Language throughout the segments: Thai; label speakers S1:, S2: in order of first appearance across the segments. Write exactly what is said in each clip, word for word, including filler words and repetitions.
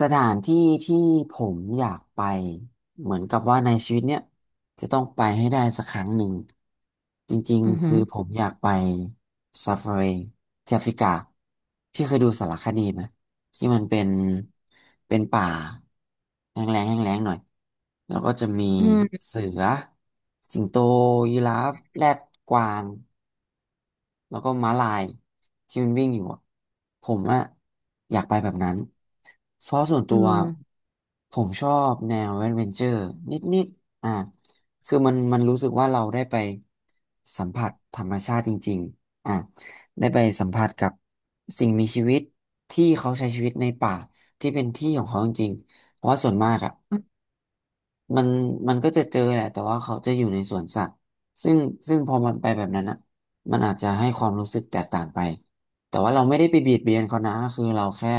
S1: สถานที่ที่ผมอยากไปเหมือนกับว่าในชีวิตเนี้ยจะต้องไปให้ได้สักครั้งหนึ่งจริง
S2: อือ
S1: ๆ
S2: หื
S1: คือ
S2: อ
S1: ผมอยากไปซาฟารีที่แอฟริกาพี่เคยดูสารคดีไหมที่มันเป็นเป็นป่าแห้งแล้งแห้งแล้งหน่อยแล้วก็จะมี
S2: อืม
S1: เสือสิงโตยีราฟแรดกวาง แล้วก็ม้าลายที่มันวิ่งอยู่อะผมอะอยากไปแบบนั้นเพราะส่วน
S2: อื
S1: ตัว
S2: ม
S1: ผมชอบแนวแอดเวนเจอร์นิดๆอ่ะคือมันมันรู้สึกว่าเราได้ไปสัมผัสธรรมชาติจริงๆอ่ะได้ไปสัมผัสกับสิ่งมีชีวิตที่เขาใช้ชีวิตในป่าที่เป็นที่ของเขาจริงๆเพราะว่าส่วนมากอะ
S2: อืม
S1: มันมันก็จะเจอแหละแต่ว่าเขาจะอยู่ในสวนสัตว์ซึ่งซึ่งพอมันไปแบบนั้นอ่ะมันอาจจะให้ความรู้สึกแตกต่างไปแต่ว่าเราไม่ได้ไปเบียดเบียนเขานะคือเราแค่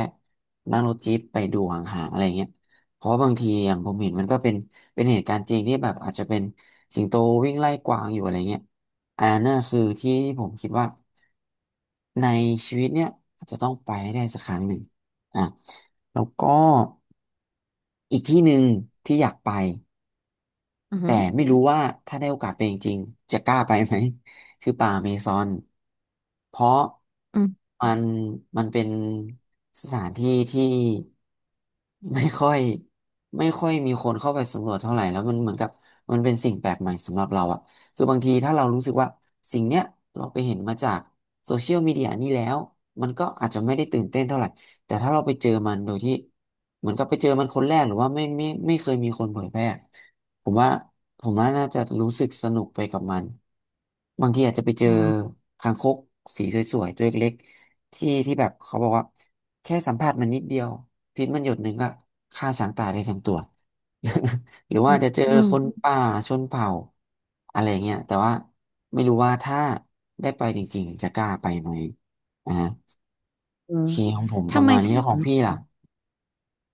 S1: นั่งรถจี๊ปไปดูห่างๆอะไรเงี้ยเพราะว่าบางทีอย่างผมเห็นมันก็เป็นเป็นเหตุการณ์จริงที่แบบอาจจะเป็นสิงโตวิ่งไล่กวางอยู่อะไรเงี้ยอันนั้นน่ะคือที่ผมคิดว่าในชีวิตเนี่ยอาจจะต้องไปให้ได้สักครั้งหนึ่งอ่ะแล้วก็อีกที่หนึ่งที่อยากไป
S2: อือ
S1: แต่
S2: หือ
S1: ไม่รู้ว่าถ้าได้โอกาสไปจริงๆจะกล้าไปไหม คือป่าอเมซอนเพราะ
S2: อืม
S1: มันมันเป็นสถานที่ที่ไม่ค่อยไม่ค่อยมีคนเข้าไปสำรวจเท่าไหร่แล้วมันเหมือนกับมันเป็นสิ่งแปลกใหม่สำหรับเราอะคือบางทีถ้าเรารู้สึกว่าสิ่งเนี้ยเราไปเห็นมาจากโซเชียลมีเดียนี่แล้ว มันก็อาจจะไม่ได้ตื่นเต้นเท่าไหร่ แต่ถ้าเราไปเจอมันโดยที่เหมือนกับไปเจอมันคนแรกหรือว่าไม่ไม่ไม่เคยมีคนเผยแพร่ ผมว่าผมว่าน่าจะรู้สึกสนุกไปกับมันบางทีอาจจะไปเจ
S2: อ๋
S1: อ
S2: อ
S1: คางคกสีสวยๆตัวเล็กๆที่ที่แบบเขาบอกว่าแค่สัมผัสมันนิดเดียวพิษมันหยดหนึ่งก็ฆ่าช้างตายได้ทั้งตัว หรือ
S2: อื
S1: ว่า
S2: ม
S1: จะเจอ
S2: อืม
S1: คนป่าชนเผ่าอะไรเงี้ยแต่ว่าไม่รู้ว่าถ้าได้ไปจริงๆจะกล้าไปไหมอ่า
S2: เออ
S1: โอเคของผมป
S2: ทำ
S1: ระ
S2: ไม
S1: มาณนี้แล้วของพี่ล่ะ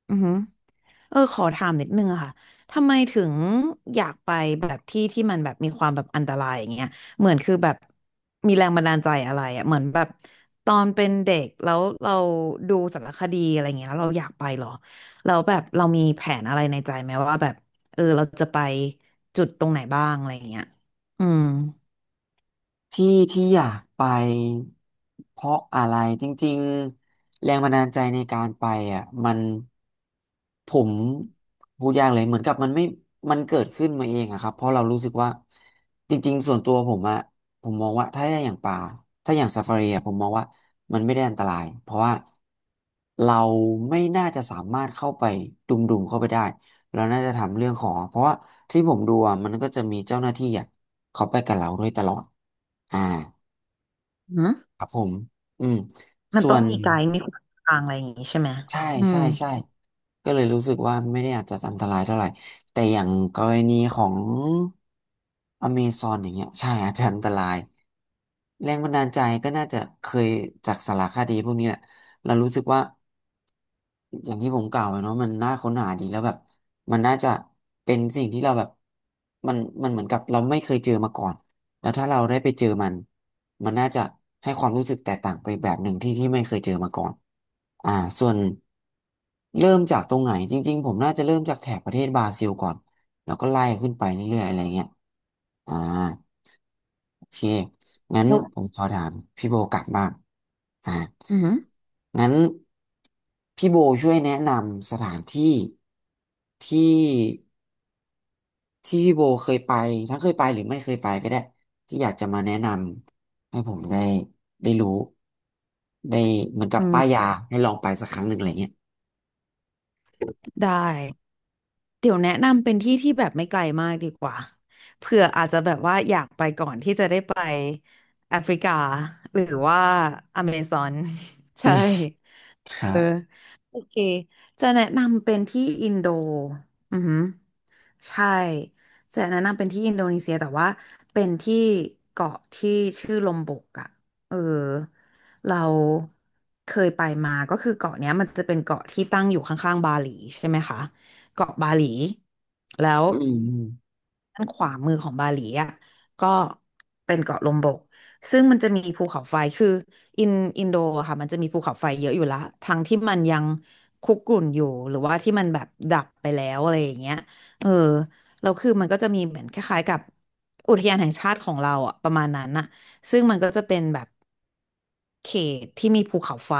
S2: อือหือเออขอถามนิดนึงอะค่ะ ทำไมถึงอยากไปแบบที่ที่มันแบบมีความแบบอันตรายอย่างเงี้ยเหมือนคือแบบมีแรงบันดาลใจอะไรอะเหมือนแบบตอนเป็นเด็กแล้วเราดูสารคดีอะไรเงี้ยแล้วเราอยากไปเหรอแล้วแบบเรามีแผนอะไรในใจไหมว่าแบบเออเราจะไปจุดตรงไหนบ้างอะไรเงี้ยอืม
S1: ที่ที่อยากไปเพราะอะไรจริงๆแรงบันดาลใจในการไปอ่ะมันผมพูดยากเลยเหมือนกับมันไม่มันเกิดขึ้นมาเองอะครับเพราะเรารู้สึกว่าจริงๆส่วนตัวผมอะผมมองว่าถ้าอย่างป่าถ้าอย่างซาฟารีอะผมมองว่ามันไม่ได้อันตรายเพราะว่าเราไม่น่าจะสามารถเข้าไปดุมๆเข้าไปได้เราน่าจะทำเรื่องของเพราะว่าที่ผมดูอะมันก็จะมีเจ้าหน้าที่อะเขาไปกับเราด้วยตลอด อ่าครับผมอืม
S2: มัน
S1: ส่
S2: ต้
S1: ว
S2: อง
S1: น
S2: มีไกด์มีคนนำทางอะไรอย่างงี้ใช่ไหม
S1: ใช่
S2: อื
S1: ใช่
S2: ม
S1: ใช่ก็เลยรู้สึกว่าไม่ได้อาจจะอันตรายเท่าไหร่แต่อย่างกรณีของอเมซอนอย่างเงี้ยใช่อาจจะอันตราย แรงบันดาลใจก็น่าจะเคยจากสารคดีพวกนี้แหละเรารู้สึกว่าอย่างที่ผมกล่าวไปเนาะมันน่าค้นหาดีแล้วแบบมันน่าจะเป็นสิ่งที่เราแบบมันมันเหมือนกับเราไม่เคยเจอมาก่อนแล้วถ้าเราได้ไปเจอมันมันน่าจะให้ความรู้สึกแตกต่างไปแบบหนึ่งที่ที่ไม่เคยเจอมาก่อนอ่าส่วนเริ่มจากตรงไหนจริงๆผมน่าจะเริ่มจากแถบประเทศบราซิลก่อนแล้วก็ไล่ขึ้นไปเรื่อยๆอะไรเงี้ยอ่า โอเค งั้น
S2: แล้ว
S1: ผมขอถามพี่โบกลับบ้างอ่า
S2: อืม
S1: งั้นพี่โบช่วยแนะนำสถานที่ที่ที่พี่โบเคยไปทั้งเคยไปหรือไม่เคยไปก็ได้ที่อยากจะมาแนะนำให้ผมได้ได้รู้ได้เหมือนกั
S2: อื
S1: บป้าย
S2: ม
S1: ยาให้ลองไปสักครั้งหนึ่งอะไรเงี้ย
S2: ได้ เดี๋ยวแนะนำเป็นที่ที่แบบไม่ไกลมากดีกว่าเผื่ออาจจะแบบว่าอยากไปก่อนที่จะได้ไปแอฟริกาหรือว่าอเมซอน
S1: อื
S2: ใช่
S1: มครั
S2: เออ
S1: บ
S2: โอเคจะแนะนำเป็นที่อินโดอือหือใช่จะแนะนำเป็นที่อินโดนีเซียแต่ว่าเป็นที่เกาะที่ชื่อลมบกอ่ะเออเราเคยไปมาก็คือเกาะเนี้ยมันจะเป็นเกาะที่ตั้งอยู่ข้างๆบาหลีใช่ไหมคะเกาะบาหลีแล้ว
S1: อืมอืม
S2: ด้านขวามือของบาหลีอ่ะก็เป็นเกาะลมบกซึ่งมันจะมีภูเขาไฟคือ อินอินโดอะค่ะมันจะมีภูเขาไฟเยอะอยู่ละทั้งที่มันยังคุกรุ่นอยู่หรือว่าที่มันแบบดับไปแล้วอะไรอย่างเงี้ยเออแล้วคือมันก็จะมีเหมือนคล้ายๆกับอุทยานแห่งชาติของเราอะประมาณนั้นอะซึ่งมันก็จะเป็นแบบเขตที่มีภูเขาไฟ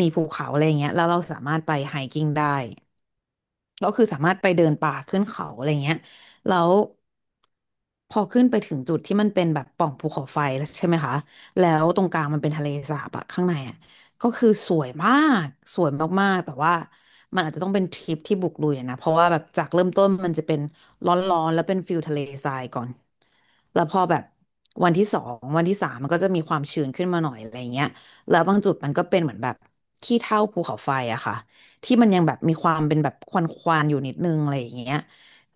S2: มีภูเขาอะไรอย่างเงี้ยแล้วเราสามารถไปไฮกิ้งได้ ก็คือสามารถไปเดินป่าขึ้นเขาอะไรเงี้ยแล้วพอขึ้นไปถึงจุดที่มันเป็นแบบปล่องภูเขาไฟแล้วใช่ไหมคะแล้วตรงกลางมันเป็นทะเลสาบอะข้างในอะก็คือสวยมากสวยมากๆแต่ว่ามันอาจจะต้องเป็นทริปที่บุกลุยหน่อยนะเพราะว่าแบบจากเริ่มต้นมันจะเป็นร้อนๆแล้วเป็นฟิลทะเลทรายก่อนแล้วพอแบบวันที่สองวันที่สามมันก็จะมีความชื้นขึ้นมาหน่อยอะไรเงี้ยแล้วบางจุดมันก็เป็นเหมือนแบบขี้เถ้าภูเขาไฟอะค่ะ ที่มันยังแบบมีความเป็นแบบควันควันอยู่นิดนึงอะไรอย่างเงี้ย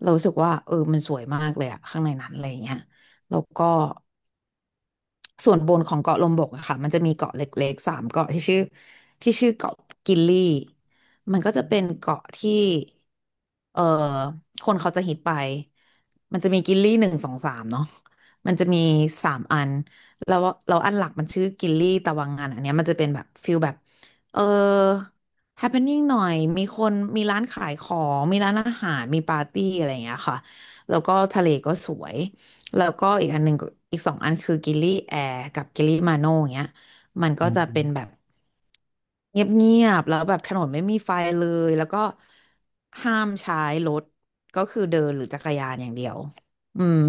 S2: เรารู้สึกว่าเออมันสวยมากเลยอะข้างในนั้นอะไรอย่างเงี้ยแล้วก็ ส่วนบนของเกาะลมบกอะค่ะมันจะมีเกาะเล็กๆสามเกาะที่ชื่อที่ชื่อเกาะกิลลี่มันก็จะเป็นเกาะที่เอ่อคนเขาจะฮิตไปมันจะมีกิลลี่หนึ่งสองสามเนาะมันจะมีสามอันแล้วแล้วอันหลักมันชื่อกิลลี่ตะวังงานอันเนี้ยมันจะเป็นแบบฟิลแบบเออ happening หน่อยมีคนมีร้านขายของมีร้านอาหารมีปาร์ตี้อะไรอย่างเงี้ยค่ะแล้วก็ทะเลก็สวย แล้วก็อีกอันหนึ่งก็อีกสองอันคือกิลลี่แอร์กับกิลลี่มาโน่อย่างเงี้ยมัน
S1: อื
S2: ก็จะ
S1: ม
S2: เป็นแบบเงียบๆแล้วแบบถนนไม่มีไฟเลยแล้วก็ห้ามใช้รถก็คือเดินหรือจักรยานอย่างเดียวอืม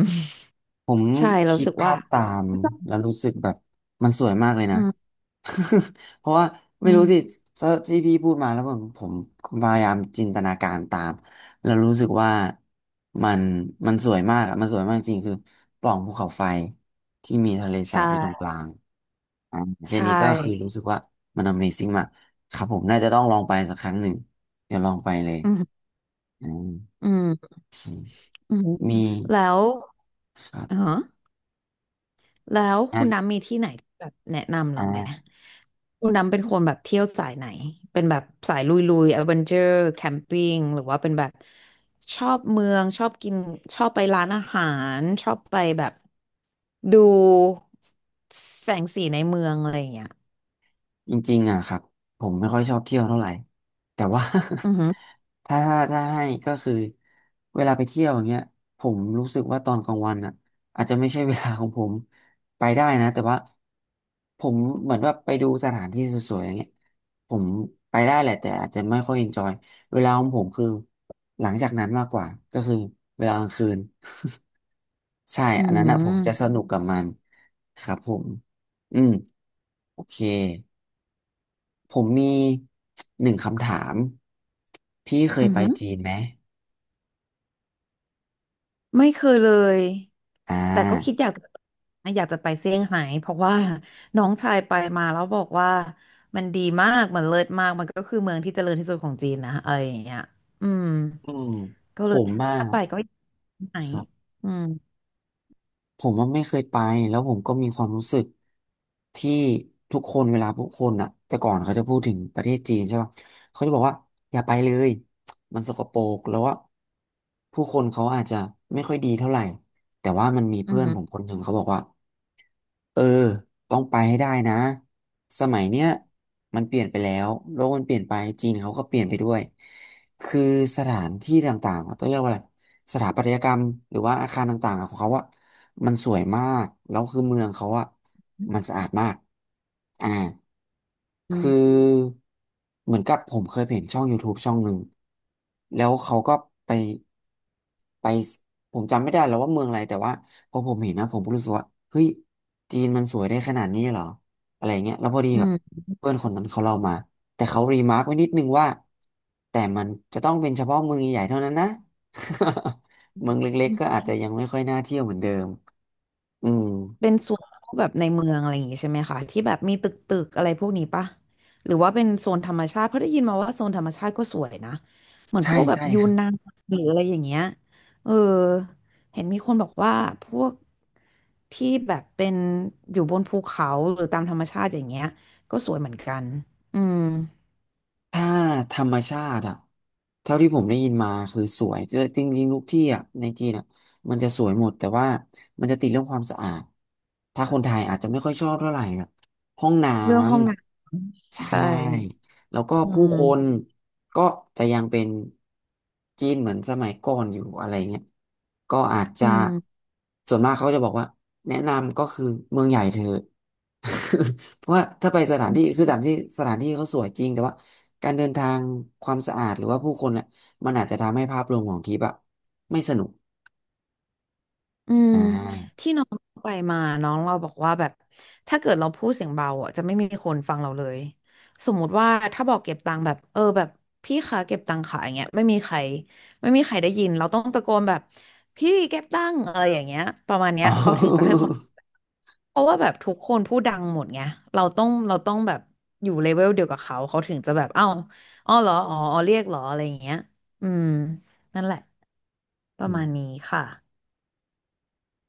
S1: ผม
S2: ใช่เรา
S1: คิ
S2: รู้
S1: ด
S2: สึก
S1: ภา
S2: ว่า
S1: พตามแล้วรู้สึกแบบมันสวยมากเลย
S2: อื
S1: นะ
S2: ม
S1: เพราะว่า
S2: อื
S1: ไม่รู้สิ
S2: ม
S1: ถ้าที่พี่พูดมาแล้วผมผมผมพยายามจินตนาการตามแล้วรู้สึกว่ามันมันสวยมากอะมันสวยมากจริงคือปล่องภูเขาไฟที่มีทะเล
S2: ใช
S1: สาบอยู่ตรงก
S2: ่
S1: ลางอ่าแค่
S2: ใช
S1: นี้ก็คือ
S2: ่
S1: รู้สึกว่ามัน Amazing มากครับผมน่าจะต้องลองไปสักครั้งหนึ่งเดี๋ยวลองไปเลย
S2: อืม
S1: อม
S2: อืม
S1: โอเค
S2: อืม
S1: มี
S2: แล้ว
S1: ครับ
S2: อ๋อ แล้ว
S1: อ
S2: คุณน้ำมีที่ไหนที่แบบแนะนำเราไหม
S1: ่า
S2: คุณน้ำเป็นคนแบบเที่ยวสายไหน เป็นแบบสายลุยลุยแอดเวนเจอร์แคมปิ้งหรือว่าเป็นแบบชอบเมืองชอบกินชอบไปร้านอาหารชอบไปแบบดูแสงสีในเมืองอะไรอย่างเงี้ย
S1: จริงๆอ่ะครับผมไม่ค่อยชอบเที่ยวเท่าไหร่แต่ว่า
S2: อือหือ
S1: ถ้าถ้าให้ก็คือเวลาไปเที่ยวอย่างเงี้ยผมรู้สึกว่าตอนกลางวันอ่ะอาจจะไม่ใช่เวลาของผมไปได้นะแต่ว่าผมเหมือนว่าไปดูสถานที่สวยๆอย่างเงี้ยผมไปได้แหละแต่อาจจะไม่ค่อยเอนจอยเวลาของผมคือหลังจากนั้นมากกว่าก็คือเวลากลางคืน ใช่
S2: อื
S1: อันนั้นอ่ะผมจะ
S2: ม
S1: สนุกกับมันครับผมอืมโอเค ผมมีหนึ่งคำถามพี่เค
S2: อื
S1: ยไป
S2: ม
S1: จีนไหม
S2: ไม่เคยเลย
S1: อ่
S2: แต่ก็คิด
S1: า
S2: อยากอยากจะไปเซี่ยงไฮ้เพราะว่าน้องชายไปมาแล้วบอกว่ามันดีมาก มันเลิศมาก มันก็คือเมืองที่เจริญที่สุดของจีนนะอะไรอย่างเงี้ยอืม
S1: อืม
S2: ก็
S1: ผ
S2: เลย
S1: มอ่ะ
S2: ถ้าไปก็อยากไปไหน
S1: ครับ
S2: อืม
S1: ผมว่าไม่เคยไปแล้วผมก็มีความรู้สึกที่ทุกคนเวลาทุกคนอ่ะแต่ก่อนเขาจะพูดถึงประเทศจีนใช่ป่ะเขาจะบอกว่าอย่าไปเลยมันสกปรกแล้วว่าผู้คนเขาอาจจะไม่ค่อยดีเท่าไหร่แต่ว่ามันมี
S2: อืม
S1: เพื่
S2: อ
S1: อน
S2: หือ
S1: ผมคนหนึ่งเขาบอกว่า เออต้องไปให้ได้นะสมัยเนี้ยมันเปลี่ยนไปแล้วโลกมันเปลี่ยนไปจีนเขาก็เปลี่ยนไปด้วยคือสถานที่ต่างๆอะต้องเรียกว่าอะไรสถาปัตยกรรมหรือว่าอาคารต่างๆอะของเขาอะมันสวยมากแล้วคือเมืองเขาอะมันสะอาดมากอ่า
S2: อื
S1: คื
S2: ม
S1: อเหมือนกับผมเคยเห็นช่อง ยู ทูบ ช่องหนึ่งแล้วเขาก็ไปไปผมจำไม่ได้แล้วว่าเมืองอะไรแต่ว่า พอผมเห็นนะผมก็รู้สึกว่าเฮ้ยจีนมันสวยได้ขนาดนี้เหรออะไรเงี้ยแล้วพอดีแบบ
S2: อื
S1: เพื่อนคนนั้นเขาเล่ามาแต่เขารีมาร์กไว้นิดนึงว่าแต่มันจะต้องเป็นเฉพาะเมืองใหญ่ๆเท่านั้นนะ เมืองเล็กๆก็
S2: ม
S1: อาจจะยังไม่ค่อยน่าเที่ยวเหมือนเดิมอืม
S2: เป็นโซนพวกแบบในเมืองอะไรอย่างงี้ใช่ไหมคะที่แบบมีตึกตึกอะไรพวกนี้ปะหรือว่าเป็นโซนธรรมชาติเพราะได้ยินมาว่าโซนธรรมชาติก็สวยนะเหมือน
S1: ใช่
S2: พวกแบบ
S1: ใช่
S2: ยู
S1: ค
S2: น
S1: รับ
S2: นานหรืออะไรอย่างเงี้ยเออเห็นมีคนบอกว่าพวกที่แบบเป็นอยู่บนภูเขาหรือตามธรรมชาติอย่างเงี้ยก็สวยเหมือนกันอืม
S1: ถ้าธรรมชาติอะเท่าที่ผมได้ยินมาคือสวยเออจริงๆทุกที่อะในจีนอะมันจะสวยหมดแต่ว่ามันจะติดเรื่องความสะอาด ถ้าคนไทยอาจจะไม่ค่อยชอบเท่าไหร่แบบห้องน้
S2: เรื่องห้องน้
S1: ำ
S2: ำ
S1: ใช่
S2: ใช่
S1: แล้วก็
S2: อื
S1: ผู้คน
S2: ม
S1: ก็จะยังเป็นจีนเหมือนสมัยก่อนอยู่อะไรเงี้ยก็อาจ
S2: อื
S1: จะ
S2: ม
S1: ส่วนมากเขาจะบอกว่าแนะนำก็คือเมืองใหญ่เธอะ เพราะว่าถ้าไปสถานที่คือสถานที่สถานที่เขาสวยจริงแต่ว่าการเดินทางความสะอาดหรือว่าผู้คนอ่ะมันอาจจะทำให้ภาพรวมของทริปอะไม่สนุก
S2: อืม
S1: อ่า
S2: ที่น้องไปมาน้องเราบอกว่าแบบถ้าเกิดเราพูดเสียงเบาอ่ะจะไม่มีคนฟังเราเลยสมมุติว่าถ้าบอกเก็บตังค์แบบเออแบบพี่คะเก็บตังค์ค่ะอย่างเงี้ยไม่มีใครไม่มีใครได้ยินเราต้องตะโกนแบบพี่เก็บตังค์อะไรอย่างเงี้ยประมาณเนี้ยเขาถึงจะให้ความเพราะว่าแบบทุกคนพูดดังหมดไงเราต้องเราต้องแบบอยู่เลเวลเดียวกับเขาเขาถึงจะแบบเอ้าอ้อเหรออ๋ออ๋อเรียกเหรออะไรอย่างเงี้ยอืมนั่นแหละป
S1: ออ อื
S2: ระมาณ
S1: ม
S2: นี้ค่ะ